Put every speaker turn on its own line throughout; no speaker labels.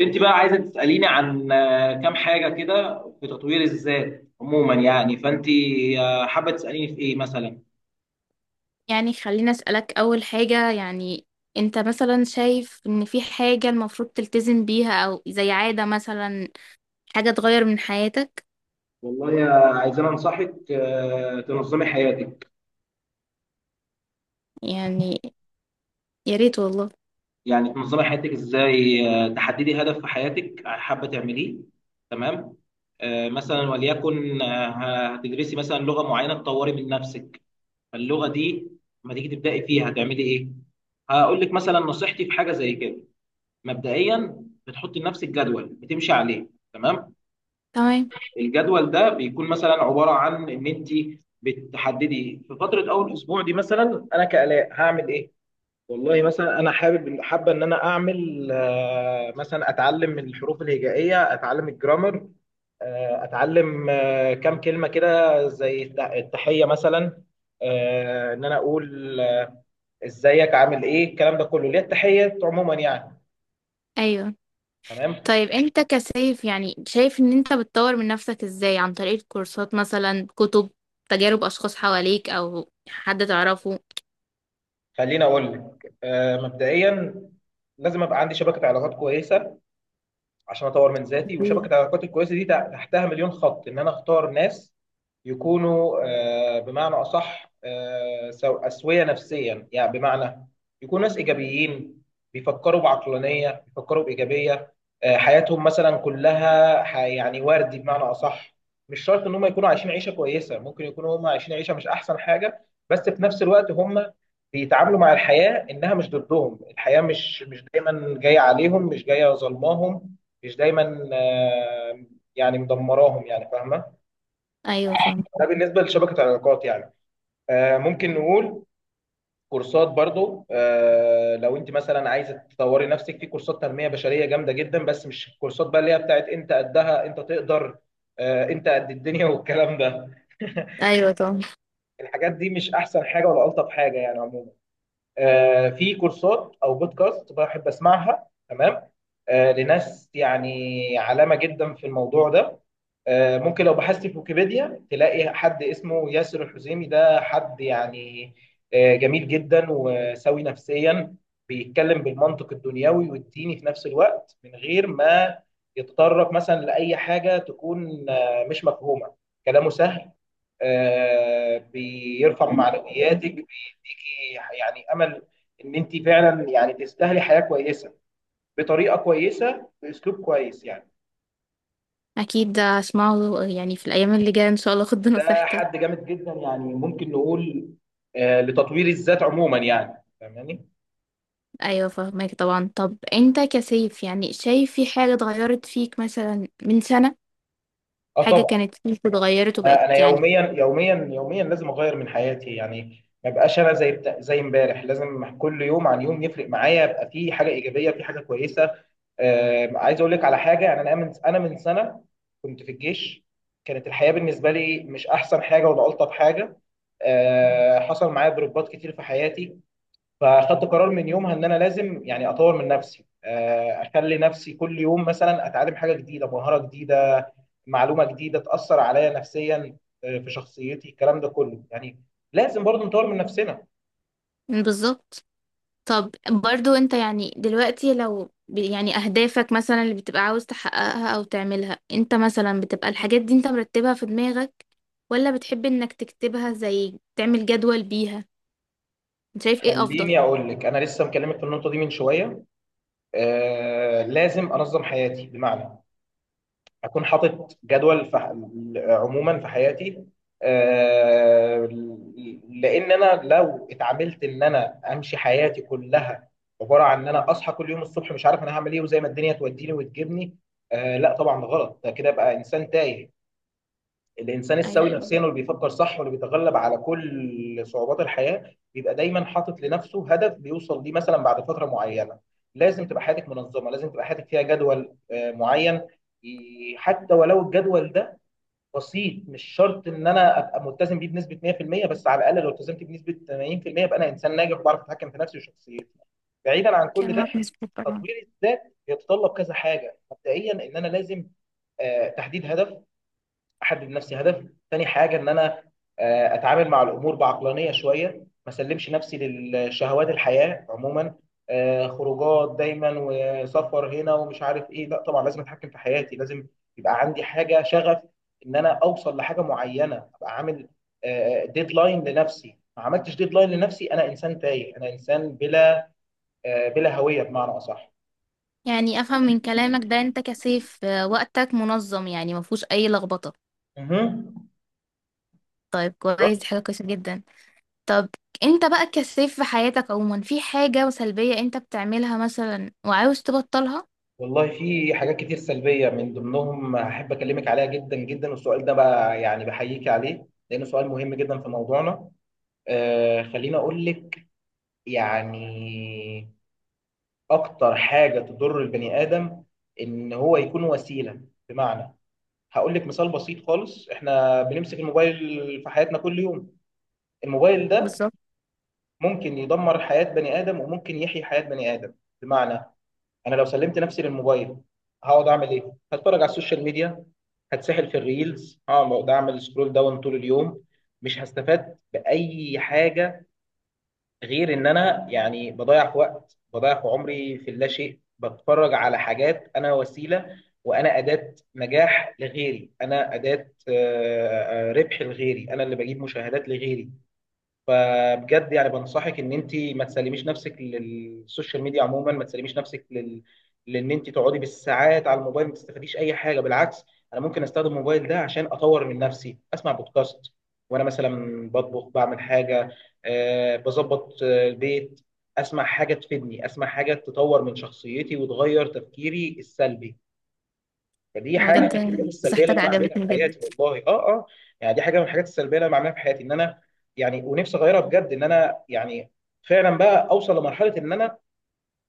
انت بقى عايزه تساليني عن كام حاجه كده في تطوير الذات عموما، يعني فانت حابه تساليني في ايه مثلا؟
يعني خليني أسألك أول حاجة يعني، أنت مثلا شايف إن في حاجة المفروض تلتزم بيها، أو زي عادة مثلا، حاجة تغير من حياتك؟
والله يا، عايزين انصحك تنظمي حياتك.
يعني يا ريت والله.
يعني تنظمي حياتك ازاي؟ تحددي هدف في حياتك حابه تعمليه. تمام. مثلا وليكن هتدرسي مثلا لغه معينه تطوري من نفسك. فاللغه دي لما تيجي تبداي فيها هتعملي ايه؟ هقول لك مثلا نصيحتي في حاجه زي كده. مبدئيا بتحط لنفسك جدول بتمشي عليه. تمام.
تمام.
الجدول ده بيكون مثلا عباره عن ان انت بتحددي في فتره اول اسبوع، دي مثلا انا كالاء هعمل ايه. والله مثلا انا حابه ان انا اعمل مثلا اتعلم الحروف الهجائيه، اتعلم الجرامر. اتعلم كام كلمه كده زي التحيه مثلا. ان انا اقول ازيك، عامل ايه، الكلام ده كله ليه؟ التحيه عموما يعني.
أيوه.
تمام.
طيب، أنت كسيف يعني شايف إن أنت بتطور من نفسك إزاي؟ عن طريق كورسات مثلا، كتب، تجارب أشخاص حواليك، أو حد تعرفه؟
خليني اقول لك مبدئيا لازم ابقى عندي شبكه علاقات كويسه عشان اطور من ذاتي. وشبكه
أكيد.
العلاقات الكويسه دي تحتها مليون خط، ان انا اختار ناس يكونوا بمعنى أصح أسوية نفسيا، يعني بمعنى يكونوا ناس إيجابيين، بيفكروا بعقلانية، بيفكروا بإيجابية. حياتهم مثلا كلها يعني وردي، بمعنى أصح. مش شرط إن هم يكونوا عايشين عيشة كويسة، ممكن يكونوا هم عايشين عيشة مش أحسن حاجة، بس في نفس الوقت هم بيتعاملوا مع الحياة إنها مش ضدهم. الحياة مش دايما جاية عليهم، مش جاية ظلماهم، مش دايما يعني مدمراهم، يعني فاهمة؟
أيوه فاهم.
ده بالنسبه لشبكه علاقات يعني. ممكن نقول كورسات برضو. لو انت مثلا عايزه تطوري نفسك، في كورسات تنميه بشريه جامده جدا، بس مش الكورسات بقى اللي هي بتاعت انت قدها، انت تقدر انت قد الدنيا والكلام ده.
أيوه طبعا.
الحاجات دي مش احسن حاجه ولا الطف حاجه يعني عموما. في كورسات او بودكاست بحب اسمعها. تمام. لناس يعني علامه جدا في الموضوع ده. ممكن لو بحثت في ويكيبيديا تلاقي حد اسمه ياسر الحزيمي، ده حد يعني جميل جدا وسوي نفسيا. بيتكلم بالمنطق الدنيوي والديني في نفس الوقت، من غير ما يتطرق مثلا لأي حاجة تكون مش مفهومة. كلامه سهل، بيرفع معنوياتك، ليكي يعني امل ان انت فعلا يعني تستاهلي حياه كويسه بطريقه كويسه باسلوب كويس يعني.
أكيد ده هسمعه يعني في الأيام اللي جاية إن شاء الله، خد
ده
بنصيحتك.
حد جامد جدا يعني، ممكن نقول لتطوير الذات عموما يعني. فاهماني؟
ايوه فاهمك طبعا. طب انت كسيف يعني شايف في حاجة اتغيرت فيك مثلا من سنة؟
اه
حاجة
طبعا.
كانت فيك اتغيرت
انا
وبقت
انا
يعني.
يوميا يوميا يوميا لازم اغير من حياتي، يعني ما بقاش انا زي امبارح. لازم كل يوم عن يوم يفرق معايا، يبقى في حاجه ايجابيه، في حاجه كويسه. عايز اقول لك على حاجه يعني. انا من سنه كنت في الجيش. كانت الحياه بالنسبه لي مش احسن حاجه ولا الطف حاجه. حصل معايا ضربات كتير في حياتي. فاخدت قرار من يومها، ان انا لازم يعني اطور من نفسي، اخلي نفسي كل يوم مثلا اتعلم حاجه جديده، مهاره جديده، معلومه جديده تاثر عليا نفسيا، في شخصيتي الكلام ده كله يعني. لازم برضو نطور من نفسنا.
بالظبط. طب برضو انت يعني دلوقتي، لو يعني اهدافك مثلا اللي بتبقى عاوز تحققها او تعملها، انت مثلا بتبقى الحاجات دي انت مرتبها في دماغك، ولا بتحب انك تكتبها زي تعمل جدول بيها؟ انت شايف ايه افضل؟
خليني اقول لك، انا لسه مكلمك في النقطه دي من شويه. لازم انظم حياتي، بمعنى اكون حاطط جدول عموما في حياتي. آه، لان انا لو اتعاملت ان انا امشي حياتي كلها عباره عن ان انا اصحى كل يوم الصبح مش عارف انا هعمل ايه، وزي ما الدنيا توديني وتجيبني، لا طبعا ده غلط، ده كده بقى انسان تايه. الانسان
ايوه
السوي
فاهمة.
نفسيا، واللي بيفكر صح، واللي بيتغلب على كل صعوبات الحياه، بيبقى دايما حاطط لنفسه هدف بيوصل ليه مثلا بعد فتره معينه. لازم تبقى حياتك منظمه، لازم تبقى حياتك فيها جدول معين. حتى ولو الجدول ده بسيط، مش شرط ان انا ابقى ملتزم بيه بنسبه 100%، بس على الاقل لو التزمت بنسبه 80% يبقى انا انسان ناجح وبعرف اتحكم في نفسي وشخصيتي. بعيدا عن كل ده،
كلامك مظبوط طبعا.
تطوير الذات يتطلب كذا حاجه. مبدئيا ان انا لازم تحديد هدف، احدد لنفسي هدف. تاني حاجه ان انا اتعامل مع الامور بعقلانيه شويه، ما اسلمش نفسي للشهوات، الحياه عموما خروجات دايما وسفر هنا ومش عارف ايه، لا طبعا لازم اتحكم في حياتي. لازم يبقى عندي حاجه شغف، ان انا اوصل لحاجه معينه، ابقى عامل ديدلاين لنفسي. ما عملتش ديدلاين لنفسي، انا انسان تايه، انا انسان بلا بلا هويه بمعنى اصح.
يعني افهم من كلامك ده انت كسيف، وقتك منظم يعني مفهوش اي لخبطة.
مهم.
طيب كويس، دي حاجة كويسة جدا. طب، انت بقى كسيف في حياتك عموما في حاجة سلبية انت بتعملها مثلا وعاوز تبطلها؟
والله في حاجات كتير سلبية، من ضمنهم أحب أكلمك عليها جدا جدا. والسؤال ده بقى يعني بحييك عليه، لأنه سؤال مهم جدا في موضوعنا. خليني أقول لك، يعني أكتر حاجة تضر البني آدم إن هو يكون وسيلة. بمعنى، هقول لك مثال بسيط خالص، إحنا بنمسك الموبايل في حياتنا كل يوم. الموبايل ده
بالظبط.
ممكن يدمر حياة بني آدم وممكن يحيي حياة بني آدم. بمعنى، انا لو سلمت نفسي للموبايل، هقعد اعمل ايه؟ هتفرج على السوشيال ميديا، هتسحل في الريلز، هقعد اعمل سكرول داون طول اليوم. مش هستفاد باي حاجه، غير ان انا يعني بضيع في وقت، بضيع في عمري في اللا شيء، بتفرج على حاجات. انا وسيله، وانا اداه نجاح لغيري، انا اداه ربح لغيري، انا اللي بجيب مشاهدات لغيري. فبجد يعني بنصحك ان انت ما تسلميش نفسك للسوشيال ميديا عموما، ما تسلميش نفسك لان انت تقعدي بالساعات على الموبايل ما تستفاديش اي حاجه، بالعكس. انا ممكن استخدم الموبايل ده عشان اطور من نفسي، اسمع بودكاست وانا مثلا بطبخ، بعمل حاجه، بظبط البيت، اسمع حاجه تفيدني، اسمع حاجه تطور من شخصيتي وتغير تفكيري السلبي. فدي
أنا
حاجه من
بجد
الحاجات السلبيه اللي
نصيحتك
انا بعملها
عجبتني
في
جدا.
حياتي والله. اه اه. يعني دي حاجه من الحاجات السلبيه اللي انا بعملها في حياتي، ان انا يعني ونفسي اغيرها بجد، ان انا يعني فعلا بقى اوصل لمرحله ان انا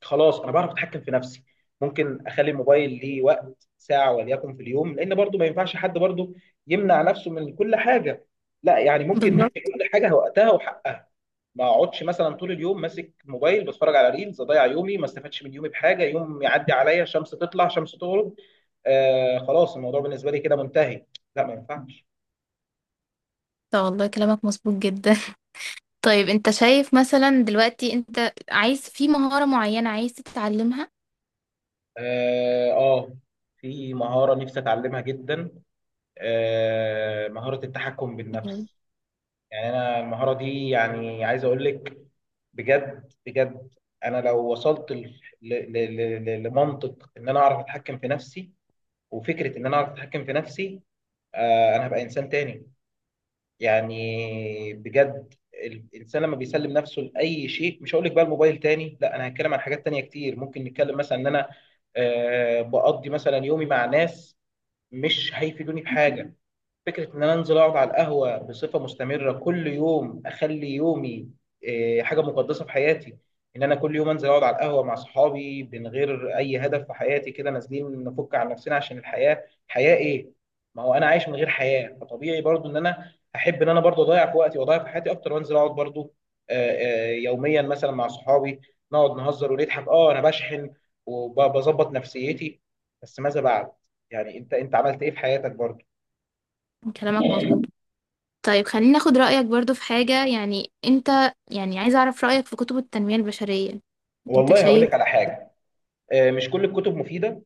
خلاص انا بعرف اتحكم في نفسي. ممكن اخلي الموبايل ليه وقت ساعه وليكن في اليوم، لان برضو ما ينفعش حد برضو يمنع نفسه من كل حاجه. لا، يعني ممكن ندي
بالظبط.
كل حاجه وقتها وحقها. ما اقعدش مثلا طول اليوم ماسك موبايل بتفرج على ريلز، اضيع يومي ما استفادش من يومي بحاجه، يوم يعدي عليا شمس تطلع شمس تغرب. خلاص الموضوع بالنسبه لي كده منتهي. لا ما ينفعش.
طب والله كلامك مظبوط جدا طيب، انت شايف مثلا دلوقتي انت عايز في مهارة معينة عايز تتعلمها؟
اه. في مهاره نفسي اتعلمها جدا. مهاره التحكم
يعني
بالنفس. يعني انا المهاره دي، يعني عايز اقول لك بجد بجد. انا لو وصلت لمنطق ان انا اعرف اتحكم في نفسي، وفكره ان انا اعرف اتحكم في نفسي، انا هبقى انسان تاني. يعني بجد. الانسان لما بيسلم نفسه لاي شيء، مش هقول لك بقى الموبايل تاني، لا انا هتكلم عن حاجات تانية كتير. ممكن نتكلم مثلا ان انا بقضي مثلا يومي مع ناس مش هيفيدوني بحاجه. فكرة إن أنا أنزل أقعد على القهوة بصفة مستمرة كل يوم، أخلي يومي حاجة مقدسة في حياتي. إن أنا كل يوم أنزل أقعد على القهوة مع صحابي من غير أي هدف في حياتي، كده نازلين نفك عن نفسنا عشان الحياة حياة إيه؟ ما هو أنا عايش من غير حياة، فطبيعي برضو إن أنا أحب إن أنا برضو أضيع في وقتي وأضيع في حياتي أكتر، وأنزل أقعد برضو آه، يوميا مثلا مع صحابي، نقعد نهزر ونضحك. أنا بشحن وبظبط نفسيتي. بس ماذا بعد؟ يعني أنت عملت إيه في حياتك برضو؟
كلامك مظبوط. طيب خليني اخد رأيك برضو في حاجة، يعني انت، يعني عايز اعرف رأيك في كتب التنمية البشرية. انت
والله هقول
شايف؟
لك على حاجه. مش كل الكتب مفيده،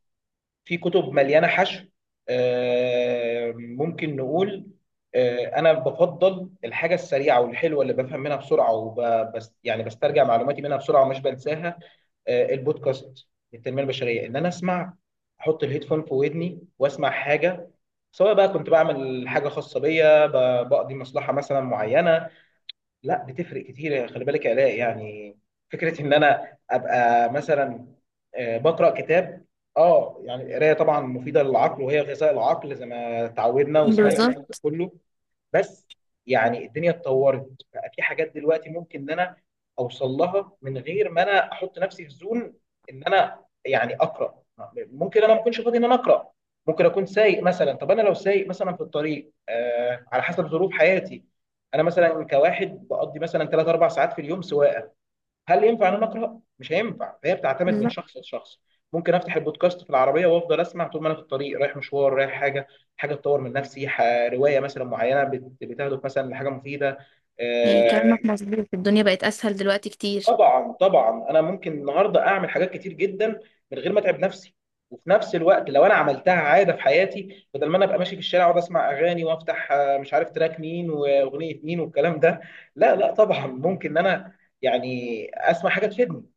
في كتب مليانه حشو. ممكن نقول انا بفضل الحاجه السريعه والحلوه اللي بفهم منها بسرعه وبس، يعني بسترجع معلوماتي منها بسرعه ومش بنساها. البودكاست للتنميه البشريه، ان انا اسمع، احط الهيدفون في ودني واسمع حاجه، سواء بقى كنت بعمل حاجه خاصه بيا، بقضي مصلحه مثلا معينه. لا، بتفرق كتير. خلي بالك يا علاء يعني، فكره ان انا ابقى مثلا بقرا كتاب. اه يعني القرايه طبعا مفيده للعقل وهي غذاء العقل، زي ما تعودنا وسمعنا الكلام ده
بالظبط.
كله. بس يعني الدنيا اتطورت، بقى في حاجات دلوقتي ممكن ان انا اوصل لها من غير ما انا احط نفسي في زون ان انا يعني اقرا. ممكن انا ما اكونش فاضي ان انا اقرا. ممكن اكون سايق مثلا. طب انا لو سايق مثلا في الطريق، على حسب ظروف حياتي، انا مثلا كواحد بقضي مثلا 3 4 ساعات في اليوم سواقه، هل ينفع ان انا اقرا؟ مش هينفع. فهي بتعتمد من شخص لشخص. ممكن افتح البودكاست في العربيه وافضل اسمع طول ما انا في الطريق، رايح مشوار، رايح حاجه، حاجه تطور من نفسي، روايه مثلا معينه بتهدف مثلا لحاجه مفيده.
يعني
آه،
كلامك مظبوط، الدنيا بقت اسهل دلوقتي كتير.
طبعا طبعا، انا ممكن النهارده اعمل حاجات كتير جدا من غير ما اتعب نفسي. وفي نفس الوقت لو انا عملتها عاده في حياتي، بدل ما انا ابقى ماشي في الشارع واقعد اسمع اغاني وافتح مش عارف تراك مين واغنيه مين والكلام ده، لا لا طبعا ممكن ان انا يعني اسمع حاجه تفيدني،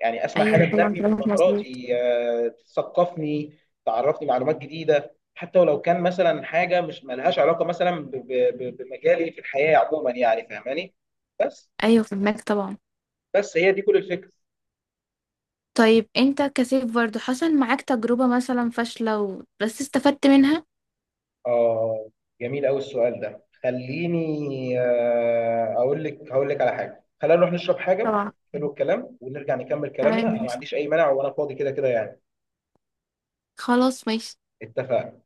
يعني اسمع حاجه
ايوه طبعا،
تنمي من
كلامك مظبوط.
مهاراتي، تثقفني، تعرفني معلومات جديده، حتى ولو كان مثلا حاجه مش ملهاش علاقه مثلا بمجالي في الحياه عموما، يعني فاهماني؟ بس.
ايوه فهمك طبعا.
بس هي دي كل الفكره.
طيب، انت كسيف برضو حصل معاك تجربة مثلا فاشلة، و بس استفدت منها؟
اه، جميل قوي السؤال ده. خليني اقول لك، هقول لك على حاجه، خلينا نروح نشرب حاجه.
طبعا.
حلو الكلام، ونرجع نكمل كلامنا. انا
تمام.
ما عنديش اي مانع، وانا فاضي كده كده يعني.
خلاص ماشي.
اتفقنا.